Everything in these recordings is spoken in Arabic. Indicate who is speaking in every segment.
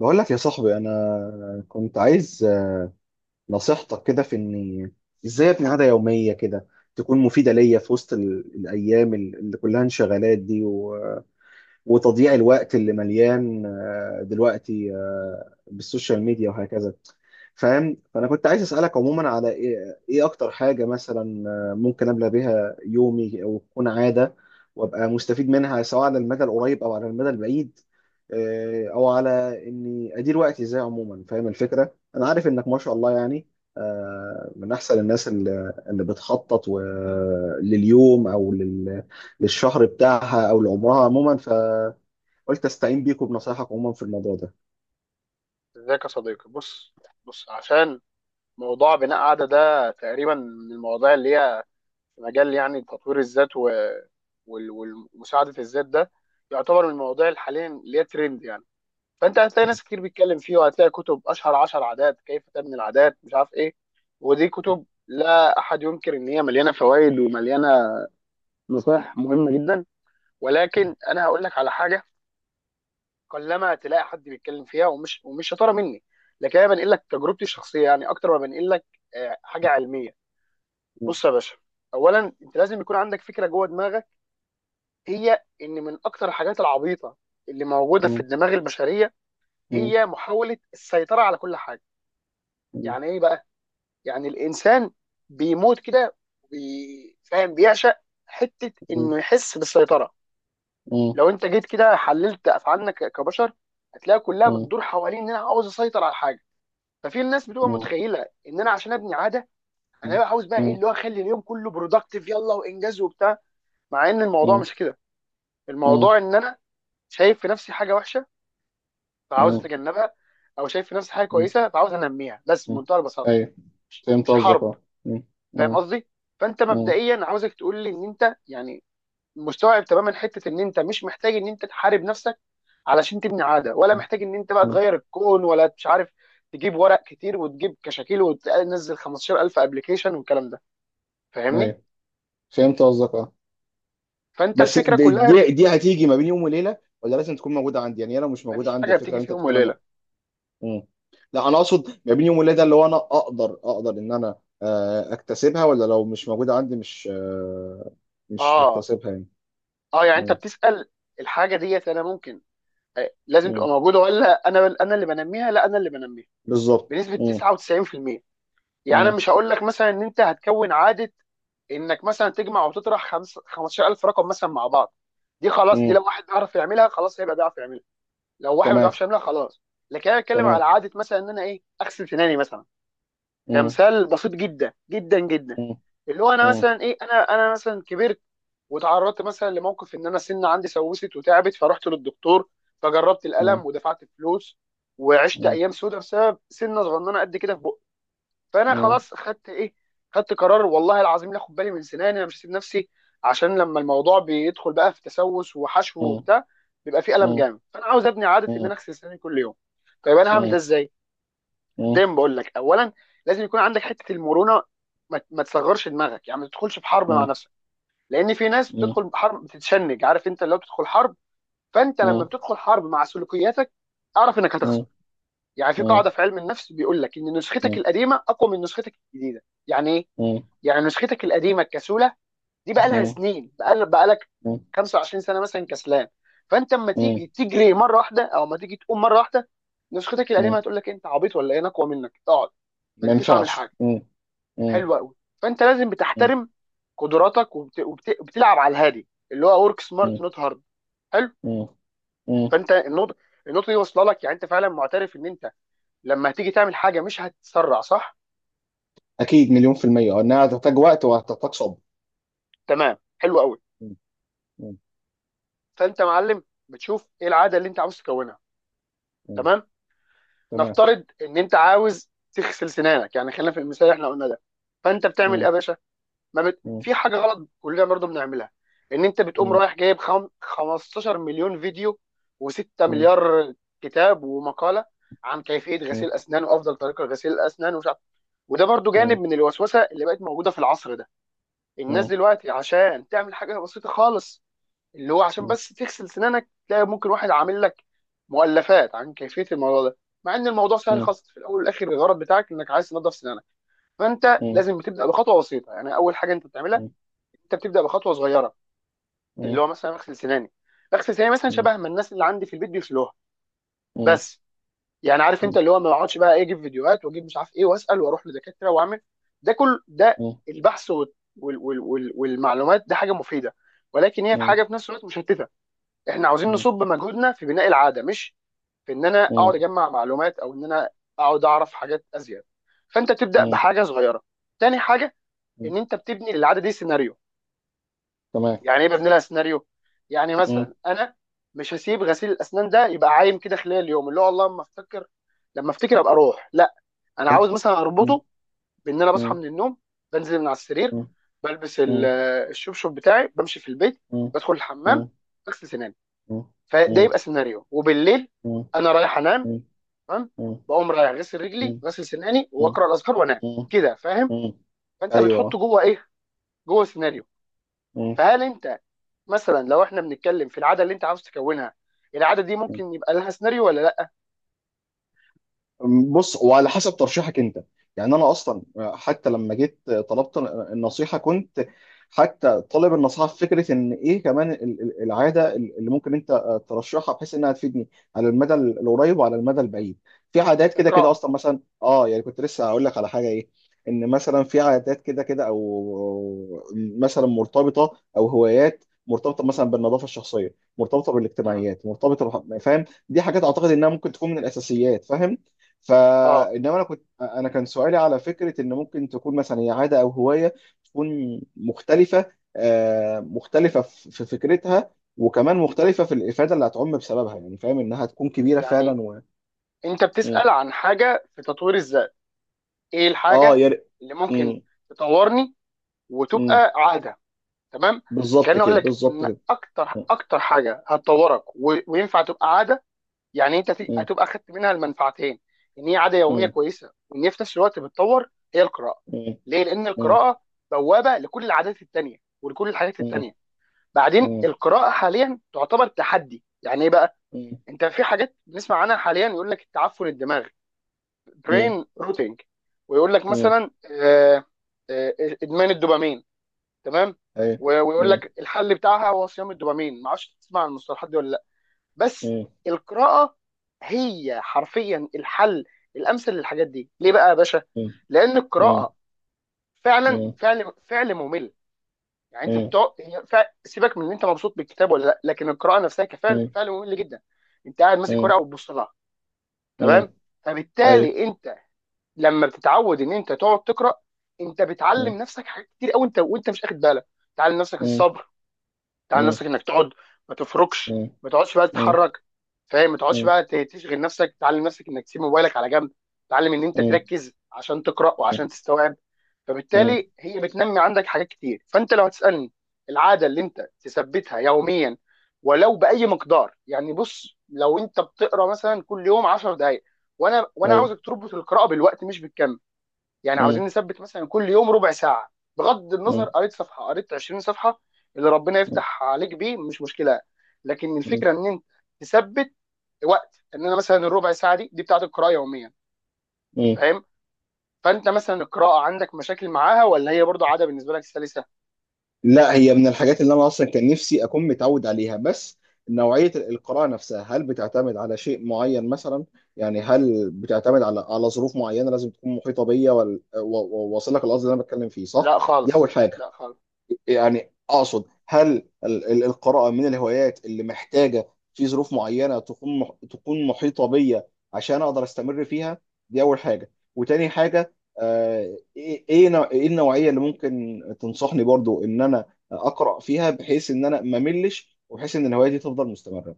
Speaker 1: بقول لك يا صاحبي، انا كنت عايز نصيحتك كده في اني ازاي ابني عاده يوميه كده تكون مفيده ليا في وسط الايام اللي كلها انشغالات دي، وتضييع الوقت اللي مليان دلوقتي بالسوشيال ميديا وهكذا، فاهم. فانا كنت عايز اسالك عموما على ايه اكتر حاجه مثلا ممكن ابلى بيها يومي او تكون عاده، وابقى مستفيد منها سواء على المدى القريب او على المدى البعيد، او على اني ادير وقتي ازاي، عموما فاهم الفكره. انا عارف انك ما شاء الله يعني من احسن الناس اللي بتخطط لليوم او للشهر بتاعها او لعمرها عموما، قلت استعين بيكم بنصايحك عموما في الموضوع ده.
Speaker 2: ازيك يا صديقي؟ بص. بص، موضوع بناء عادة ده تقريبا من المواضيع اللي هي في مجال يعني تطوير الذات و... وال... ومساعدة الذات ده يعتبر من المواضيع اللي حاليا اللي هي ترند، يعني فانت هتلاقي ناس كتير بيتكلم فيه، وهتلاقي كتب اشهر عشر عادات، كيف تبني العادات، مش عارف ايه. ودي كتب لا احد ينكر ان هي مليانة فوائد ومليانة نصائح مهمة جدا. ولكن انا هقول لك على حاجة قلما تلاقي حد بيتكلم فيها، ومش شطاره مني، لكن انا بنقل لك تجربتي الشخصيه يعني اكتر ما بنقل لك حاجه علميه.
Speaker 1: مم.
Speaker 2: بص يا باشا، اولا انت لازم يكون عندك فكره جوه دماغك، هي ان من اكتر الحاجات العبيطه اللي موجوده في
Speaker 1: مم.
Speaker 2: الدماغ البشريه
Speaker 1: مم.
Speaker 2: هي محاوله السيطره على كل حاجه.
Speaker 1: مم.
Speaker 2: يعني ايه بقى؟ يعني الانسان بيموت كده، فاهم، بيعشق حته
Speaker 1: مم.
Speaker 2: انه يحس بالسيطره.
Speaker 1: مم.
Speaker 2: لو انت جيت كده حللت افعالنا كبشر، هتلاقي كلها
Speaker 1: مم.
Speaker 2: بتدور حوالين ان انا عاوز اسيطر على حاجه. ففي الناس بتبقى
Speaker 1: مم.
Speaker 2: متخيله ان انا عشان ابني عاده انا بقى عاوز بقى ايه
Speaker 1: مم.
Speaker 2: اللي هو اخلي اليوم كله برودكتيف، يلا وانجاز وبتاع، مع ان الموضوع
Speaker 1: مم.
Speaker 2: مش كده. الموضوع ان انا شايف في نفسي حاجه وحشه فعاوز
Speaker 1: مم.
Speaker 2: اتجنبها، او شايف في نفسي حاجه
Speaker 1: مم.
Speaker 2: كويسه فعاوز انميها، بس
Speaker 1: مم.
Speaker 2: بمنتهى البساطه،
Speaker 1: ايوه، فهمت
Speaker 2: مش
Speaker 1: قصدك،
Speaker 2: حرب.
Speaker 1: اه. مم.
Speaker 2: فاهم
Speaker 1: مم.
Speaker 2: قصدي؟ فانت
Speaker 1: مم.
Speaker 2: مبدئيا عاوزك تقول لي ان انت يعني مستوعب تماما حته ان انت مش محتاج ان انت تحارب نفسك علشان تبني عاده، ولا محتاج ان انت بقى
Speaker 1: مم.
Speaker 2: تغير الكون، ولا مش عارف تجيب ورق كتير وتجيب كشاكيل وتنزل 15000 ابلكيشن والكلام ده. فاهمني؟
Speaker 1: ايوه، فهمت قصدك، اه.
Speaker 2: فانت
Speaker 1: بس
Speaker 2: الفكره
Speaker 1: دي
Speaker 2: كلها
Speaker 1: دي دي هتيجي ما بين يوم وليله، ولا لازم تكون موجوده عندي؟ يعني هي لو مش
Speaker 2: مفيش
Speaker 1: موجوده عندي
Speaker 2: حاجه
Speaker 1: الفكره
Speaker 2: بتيجي
Speaker 1: اللي
Speaker 2: في
Speaker 1: انت
Speaker 2: يوم
Speaker 1: بتتكلم عنها.
Speaker 2: وليله.
Speaker 1: مم. لا، انا اقصد ما بين يوم وليله، ده اللي هو انا اقدر ان انا اكتسبها، ولا لو مش موجوده عندي مش
Speaker 2: اه.
Speaker 1: هكتسبها يعني.
Speaker 2: اه يعني انت
Speaker 1: مم.
Speaker 2: بتسال الحاجه ديت انا ممكن لازم تبقى
Speaker 1: مم.
Speaker 2: موجوده ولا انا اللي بنميها؟ لا، انا اللي بنميها،
Speaker 1: بالظبط.
Speaker 2: بنسبه
Speaker 1: مم.
Speaker 2: 99%. يعني انا
Speaker 1: مم.
Speaker 2: مش هقول لك مثلا ان انت هتكون عاده انك مثلا تجمع وتطرح 15000 رقم مثلا مع بعض. دي خلاص، دي
Speaker 1: مم.
Speaker 2: لو واحد بيعرف يعملها خلاص هيبقى بيعرف يعملها، لو واحد ما
Speaker 1: تمام،
Speaker 2: بيعرفش يعملها خلاص. لكن انا بتكلم على
Speaker 1: تمام.
Speaker 2: عاده مثلا ان انا ايه، اغسل سناني مثلا،
Speaker 1: مم.
Speaker 2: كمثال بسيط جدا جدا جدا.
Speaker 1: مم.
Speaker 2: اللي هو انا
Speaker 1: مم.
Speaker 2: مثلا ايه، انا مثلا كبرت وتعرضت مثلا لموقف ان انا سنه عندي سوست وتعبت، فرحت للدكتور فجربت
Speaker 1: مم.
Speaker 2: الالم ودفعت فلوس وعشت
Speaker 1: مم.
Speaker 2: ايام سودة بسبب سنه صغننه قد كده في بقي. فانا
Speaker 1: مم.
Speaker 2: خلاص خدت ايه، خدت قرار، والله العظيم لا اخد بالي من سناني، انا مش هسيب نفسي. عشان لما الموضوع بيدخل بقى في تسوس وحشو
Speaker 1: مم.
Speaker 2: وبتاع بيبقى فيه الم جامد، فانا عاوز ابني عاده ان
Speaker 1: مم.
Speaker 2: انا اغسل سناني كل يوم. طيب انا هعمل ده
Speaker 1: مم.
Speaker 2: ازاي؟
Speaker 1: مم.
Speaker 2: دايما بقول لك اولا لازم يكون عندك حته المرونه، ما تصغرش دماغك، يعني ما تدخلش في حرب مع
Speaker 1: مم.
Speaker 2: نفسك. لان في ناس
Speaker 1: مم.
Speaker 2: بتدخل حرب بتتشنج، عارف، انت لو بتدخل حرب، فانت لما
Speaker 1: مم.
Speaker 2: بتدخل حرب مع سلوكياتك اعرف انك هتخسر.
Speaker 1: مم.
Speaker 2: يعني في قاعده في علم النفس بيقول لك ان
Speaker 1: مم.
Speaker 2: نسختك
Speaker 1: مم.
Speaker 2: القديمه اقوى من نسختك الجديده. يعني ايه؟
Speaker 1: مم.
Speaker 2: يعني نسختك القديمه الكسوله دي بقى لها
Speaker 1: مم.
Speaker 2: سنين، بقى لك
Speaker 1: مم.
Speaker 2: 25 سنه مثلا كسلان، فانت اما
Speaker 1: مم.
Speaker 2: تيجي تجري مره واحده او اما تيجي تقوم مره واحده، نسختك القديمه
Speaker 1: مم.
Speaker 2: هتقول لك انت عبيط ولا ايه، انا اقوى منك، اقعد، ما
Speaker 1: ما
Speaker 2: انتش عامل
Speaker 1: ينفعش.
Speaker 2: حاجه.
Speaker 1: مم. مم.
Speaker 2: حلوه قوي. فانت لازم
Speaker 1: مم.
Speaker 2: بتحترم قدراتك وبت... وبت... وبتلعب على الهادي، اللي هو ورك
Speaker 1: مم.
Speaker 2: سمارت نوت هارد. حلو.
Speaker 1: مم. مم.
Speaker 2: فانت النقطه دي واصله لك، يعني انت فعلا معترف ان انت لما هتيجي تعمل حاجه مش هتتسرع، صح؟
Speaker 1: أكيد مليون في المية إنها هتحتاج وقت وهتحتاج صبر.
Speaker 2: تمام، حلو قوي.
Speaker 1: مم. مم.
Speaker 2: فانت يا معلم بتشوف ايه العاده اللي انت عاوز تكونها.
Speaker 1: مم.
Speaker 2: تمام.
Speaker 1: تمام.
Speaker 2: نفترض ان انت عاوز تغسل سنانك، يعني خلينا في المثال اللي احنا قلنا ده. فانت بتعمل ايه
Speaker 1: مم.
Speaker 2: يا باشا؟ ما بت...
Speaker 1: مم.
Speaker 2: في حاجه غلط كلنا برضه بنعملها، ان انت بتقوم
Speaker 1: مم.
Speaker 2: رايح جايب 15 مليون فيديو و6
Speaker 1: مم.
Speaker 2: مليار كتاب ومقاله عن كيفيه غسيل اسنان وافضل طريقه لغسيل الاسنان ومش عارف. وده برضه جانب
Speaker 1: مم.
Speaker 2: من الوسوسه اللي بقت موجوده في العصر ده. الناس
Speaker 1: مم.
Speaker 2: دلوقتي عشان تعمل حاجه بسيطه خالص اللي هو عشان
Speaker 1: مم.
Speaker 2: بس تغسل سنانك تلاقي ممكن واحد عامل لك مؤلفات عن كيفيه الموضوع ده، مع ان الموضوع سهل
Speaker 1: مم.
Speaker 2: خالص. في الاول والاخر الغرض بتاعك انك عايز تنظف سنانك. فانت
Speaker 1: مم.
Speaker 2: لازم تبدا بخطوه بسيطه، يعني اول حاجه انت بتعملها انت بتبدا بخطوه صغيره، اللي
Speaker 1: مم.
Speaker 2: هو مثلا اغسل سناني، اغسل سناني مثلا
Speaker 1: مم.
Speaker 2: شبه ما الناس اللي عندي في البيت بيغسلوها،
Speaker 1: مم.
Speaker 2: بس. يعني عارف، انت
Speaker 1: مم.
Speaker 2: اللي هو ما اقعدش بقى ايه اجيب فيديوهات واجيب مش عارف ايه واسال واروح لدكاتره واعمل، ده كل ده
Speaker 1: مم.
Speaker 2: البحث وال وال وال وال والمعلومات، ده حاجه مفيده، ولكن هي في
Speaker 1: مم.
Speaker 2: حاجه في نفس الوقت مشتته. احنا عاوزين
Speaker 1: مم.
Speaker 2: نصب مجهودنا في بناء العاده، مش في ان انا
Speaker 1: مم.
Speaker 2: اقعد اجمع معلومات، او ان انا اقعد اعرف حاجات ازيد. فانت تبدا
Speaker 1: مم.
Speaker 2: بحاجه صغيره. تاني حاجه
Speaker 1: مم.
Speaker 2: ان انت بتبني للعاده دي سيناريو.
Speaker 1: تمام.
Speaker 2: يعني ايه ببني لها سيناريو؟ يعني مثلا انا مش هسيب غسيل الاسنان ده يبقى عايم كده خلال اليوم، اللي هو الله لما افتكر، لما افتكر ابقى اروح، لا. انا عاوز مثلا
Speaker 1: مم.
Speaker 2: اربطه بان انا بصحى من النوم، بنزل من على السرير،
Speaker 1: أيوة.
Speaker 2: بلبس
Speaker 1: مم.
Speaker 2: الشبشب بتاعي، بمشي في البيت،
Speaker 1: مم. مم. مم.
Speaker 2: بدخل الحمام،
Speaker 1: مم.
Speaker 2: بغسل سناني، فده يبقى سيناريو. وبالليل انا رايح انام، تمام، بقوم رايح غسل
Speaker 1: مم. مم. مم. مم. مم.
Speaker 2: رجلي،
Speaker 1: مم.
Speaker 2: غسل سناني، واقرا الاذكار، وانام.
Speaker 1: مم. مم.
Speaker 2: كده فاهم؟
Speaker 1: مم.
Speaker 2: فانت بتحطه
Speaker 1: ايوه.
Speaker 2: جوه ايه، جوه سيناريو.
Speaker 1: مم.
Speaker 2: فهل انت مثلا، لو احنا بنتكلم في العاده اللي انت عاوز تكونها، العاده دي ممكن يبقى لها سيناريو ولا لا؟
Speaker 1: بص، وعلى حسب ترشيحك انت. يعني انا اصلا، حتى لما جيت طلبت النصيحه، كنت حتى طالب النصيحه في فكره ان ايه كمان العاده اللي ممكن انت ترشحها بحيث انها تفيدني على المدى القريب وعلى المدى البعيد. في عادات كده كده
Speaker 2: اقراها.
Speaker 1: اصلا مثلا، اه يعني، كنت لسه هقول لك على حاجه، ايه ان مثلا في عادات كده كده، او مثلا مرتبطه، او هوايات مرتبطه مثلا بالنظافه الشخصيه، مرتبطه
Speaker 2: مم.
Speaker 1: بالاجتماعيات، مرتبطه فاهم، دي حاجات اعتقد انها ممكن تكون من الاساسيات، فاهم.
Speaker 2: اه
Speaker 1: فانما انا كان سؤالي على فكره ان ممكن تكون مثلا هي عاده او هوايه تكون مختلفه، مختلفه في فكرتها، وكمان مختلفه في الافاده اللي هتعم بسببها، يعني فاهم انها تكون كبيره
Speaker 2: يعني
Speaker 1: فعلا
Speaker 2: انت
Speaker 1: م.
Speaker 2: بتسال عن حاجه في تطوير الذات، ايه
Speaker 1: اه
Speaker 2: الحاجه اللي ممكن
Speaker 1: م.
Speaker 2: تطورني
Speaker 1: م.
Speaker 2: وتبقى عاده، تمام.
Speaker 1: بالظبط
Speaker 2: كان
Speaker 1: كده،
Speaker 2: اقول لك
Speaker 1: بالظبط
Speaker 2: ان
Speaker 1: كده.
Speaker 2: اكتر
Speaker 1: م.
Speaker 2: اكتر حاجه هتطورك وينفع تبقى عاده، يعني انت
Speaker 1: م.
Speaker 2: هتبقى اخدت منها المنفعتين، ان هي عاده يوميه كويسه وان هي في نفس الوقت بتطور، هي القراءه.
Speaker 1: م.
Speaker 2: ليه؟ لان
Speaker 1: م.
Speaker 2: القراءه بوابه لكل العادات التانيه ولكل الحاجات
Speaker 1: م. م.
Speaker 2: التانيه. بعدين
Speaker 1: م.
Speaker 2: القراءه حاليا تعتبر تحدي. يعني ايه بقى؟ انت في حاجات بنسمع عنها حاليا يقول لك التعفن الدماغي،
Speaker 1: م.
Speaker 2: برين روتينج، ويقول لك
Speaker 1: م. م.
Speaker 2: مثلا آه، ادمان الدوبامين، تمام،
Speaker 1: أيوة.
Speaker 2: ويقول
Speaker 1: م.
Speaker 2: لك الحل بتاعها هو صيام الدوبامين، ما اعرفش تسمع عن المصطلحات دي ولا لا. بس
Speaker 1: م.
Speaker 2: القراءه هي حرفيا الحل الامثل للحاجات دي. ليه بقى يا باشا؟
Speaker 1: م.
Speaker 2: لان
Speaker 1: م.
Speaker 2: القراءه فعلا
Speaker 1: م.
Speaker 2: فعل ممل. يعني انت
Speaker 1: م.
Speaker 2: بتقعد، هي سيبك من ان انت مبسوط بالكتاب ولا لا، لكن القراءه نفسها كفعل
Speaker 1: م.
Speaker 2: فعل ممل جدا. انت قاعد ماسك
Speaker 1: م.
Speaker 2: ورقه وتبص لها،
Speaker 1: م.
Speaker 2: تمام.
Speaker 1: ايوه.
Speaker 2: فبالتالي انت لما بتتعود ان انت تقعد تقرا، انت بتعلم نفسك حاجات كتير قوي انت وانت مش واخد بالك. تعلم نفسك
Speaker 1: مم.
Speaker 2: الصبر، تعال
Speaker 1: مم.
Speaker 2: نفسك انك تقعد، ما تفركش،
Speaker 1: مم.
Speaker 2: ما تقعدش بقى
Speaker 1: مم.
Speaker 2: تتحرك، فاهم، ما تقعدش
Speaker 1: مم.
Speaker 2: بقى تشغل نفسك، تعلم نفسك انك تسيب موبايلك على جنب، تعلم ان انت
Speaker 1: مم.
Speaker 2: تركز عشان تقرا وعشان
Speaker 1: مم.
Speaker 2: تستوعب.
Speaker 1: مم.
Speaker 2: فبالتالي هي بتنمي عندك حاجات كتير. فانت لو هتسالني، العاده اللي انت تثبتها يوميا ولو باي مقدار، يعني بص لو انت بتقرا مثلا كل يوم 10 دقائق، وانا
Speaker 1: أيوة.
Speaker 2: عاوزك تربط القراءه بالوقت مش بالكم. يعني
Speaker 1: مم.
Speaker 2: عاوزين نثبت مثلا كل يوم ربع ساعه، بغض النظر
Speaker 1: مم.
Speaker 2: قريت صفحه قريت 20 صفحه، اللي ربنا
Speaker 1: مم.
Speaker 2: يفتح عليك بيه مش مشكله، لكن
Speaker 1: مم.
Speaker 2: الفكره ان انت تثبت وقت، ان انا مثلا الربع ساعه دي بتاعت القراءه يوميا،
Speaker 1: مم.
Speaker 2: فاهم؟ فانت مثلا القراءه عندك مشاكل معاها، ولا هي برضو عاده بالنسبه لك سلسه؟
Speaker 1: لا، هي من الحاجات اللي انا اصلا كان نفسي اكون متعود عليها، بس نوعيه القراءه نفسها، هل بتعتمد على شيء معين مثلا؟ يعني هل بتعتمد على ظروف معينه لازم تكون محيطه بيا واصل لك القصد اللي انا بتكلم فيه؟ صح،
Speaker 2: لا
Speaker 1: دي اول
Speaker 2: خالص،
Speaker 1: حاجه.
Speaker 2: لا خالص.
Speaker 1: يعني اقصد، هل القراءه من الهوايات اللي محتاجه في ظروف معينه تكون تكون محيطه بيا عشان اقدر استمر فيها؟ دي اول حاجه، وتاني حاجه إيه النوعيه اللي ممكن تنصحني برضو ان انا اقرا فيها، بحيث ان انا ما ملش، وبحيث ان الهوايه دي تفضل مستمره.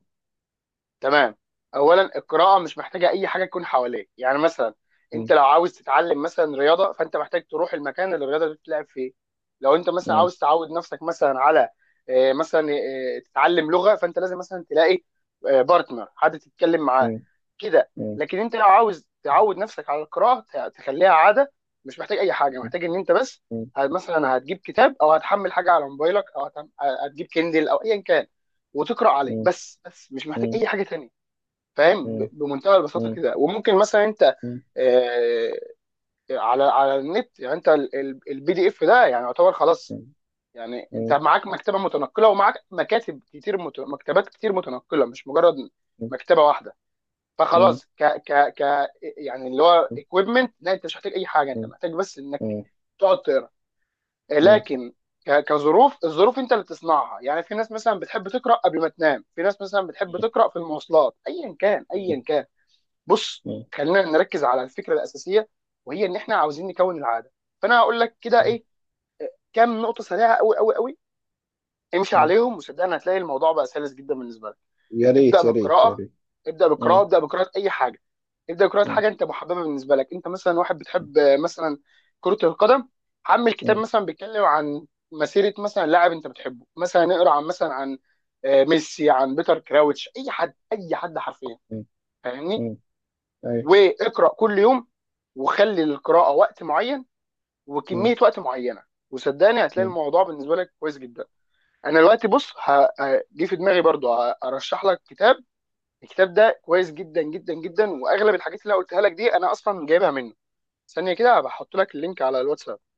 Speaker 2: تمام. اولا القراءه مش محتاجه اي حاجه تكون حواليك، يعني مثلا انت
Speaker 1: م-
Speaker 2: لو عاوز تتعلم مثلا رياضه فانت محتاج تروح المكان اللي الرياضه دي بتتلعب فيه، لو انت مثلا
Speaker 1: م-
Speaker 2: عاوز تعود نفسك مثلا على آه، مثلا آه، تتعلم لغه فانت لازم مثلا تلاقي بارتنر، حد تتكلم معاه،
Speaker 1: م-
Speaker 2: كده.
Speaker 1: م-
Speaker 2: لكن انت لو عاوز تعود نفسك على القراءه تخليها عاده، مش محتاج اي حاجه، محتاج ان انت بس
Speaker 1: م-
Speaker 2: مثلا هتجيب كتاب، او هتحمل حاجه على موبايلك، او هتجيب كندل او ايا كان وتقرا عليه،
Speaker 1: م-
Speaker 2: بس، مش محتاج
Speaker 1: م-
Speaker 2: اي حاجه تانية،
Speaker 1: م-
Speaker 2: فاهم،
Speaker 1: م-
Speaker 2: بمنتهى البساطه
Speaker 1: م- م-
Speaker 2: كده. وممكن مثلا انت
Speaker 1: م- م-
Speaker 2: آه، على النت يعني انت البي دي اف ده يعني يعتبر خلاص،
Speaker 1: م-
Speaker 2: يعني انت معاك مكتبه متنقله، ومعاك مكاتب كتير مكتبات كتير متنقله مش مجرد مكتبه واحده. فخلاص ك ك ك يعني اللي هو اكويبمنت، لا، انت مش محتاج اي حاجه، انت محتاج بس انك
Speaker 1: م-
Speaker 2: تقعد تقرا.
Speaker 1: م-
Speaker 2: لكن كظروف، الظروف انت اللي تصنعها، يعني في ناس مثلا بتحب تقرا قبل ما تنام، في ناس مثلا بتحب
Speaker 1: م-
Speaker 2: تقرا في المواصلات، ايا كان
Speaker 1: م-
Speaker 2: ايا كان. بص،
Speaker 1: مم.
Speaker 2: خلينا نركز على الفكره الاساسيه، وهي ان احنا عاوزين نكون العاده. فانا هقول لك كده
Speaker 1: مم.
Speaker 2: ايه، كام نقطه سريعه قوي قوي قوي، امشي
Speaker 1: مم.
Speaker 2: عليهم وصدقني هتلاقي الموضوع بقى سلس جدا بالنسبه لك.
Speaker 1: يا
Speaker 2: ابدا
Speaker 1: ريت، يا ريت، يا
Speaker 2: بالقراءه،
Speaker 1: ريت.
Speaker 2: ابدا بالقراءه،
Speaker 1: مم.
Speaker 2: ابدا بقراءه اي حاجه، ابدا بقراءه
Speaker 1: مم.
Speaker 2: حاجه انت محببه بالنسبه لك. انت مثلا واحد بتحب مثلا كره القدم، حمل كتاب
Speaker 1: مم.
Speaker 2: مثلا بيتكلم عن مسيره مثلا لاعب انت بتحبه، مثلا اقرا عن مثلا عن ميسي، عن بيتر كراوتش، اي حد اي حد حرفيا،
Speaker 1: مم.
Speaker 2: فاهمني.
Speaker 1: مم. أيوة.
Speaker 2: واقرا كل يوم، وخلي للقراءه وقت معين
Speaker 1: مم.
Speaker 2: وكميه وقت معينه، وصدقني هتلاقي
Speaker 1: مم.
Speaker 2: الموضوع بالنسبه لك كويس جدا. انا دلوقتي بص، جه في دماغي برضو ارشح لك كتاب. الكتاب ده كويس جدا جدا جدا، واغلب الحاجات اللي أنا قلتها لك دي انا اصلا جايبها منه، ثانيه كده هبقى احط لك اللينك على الواتساب.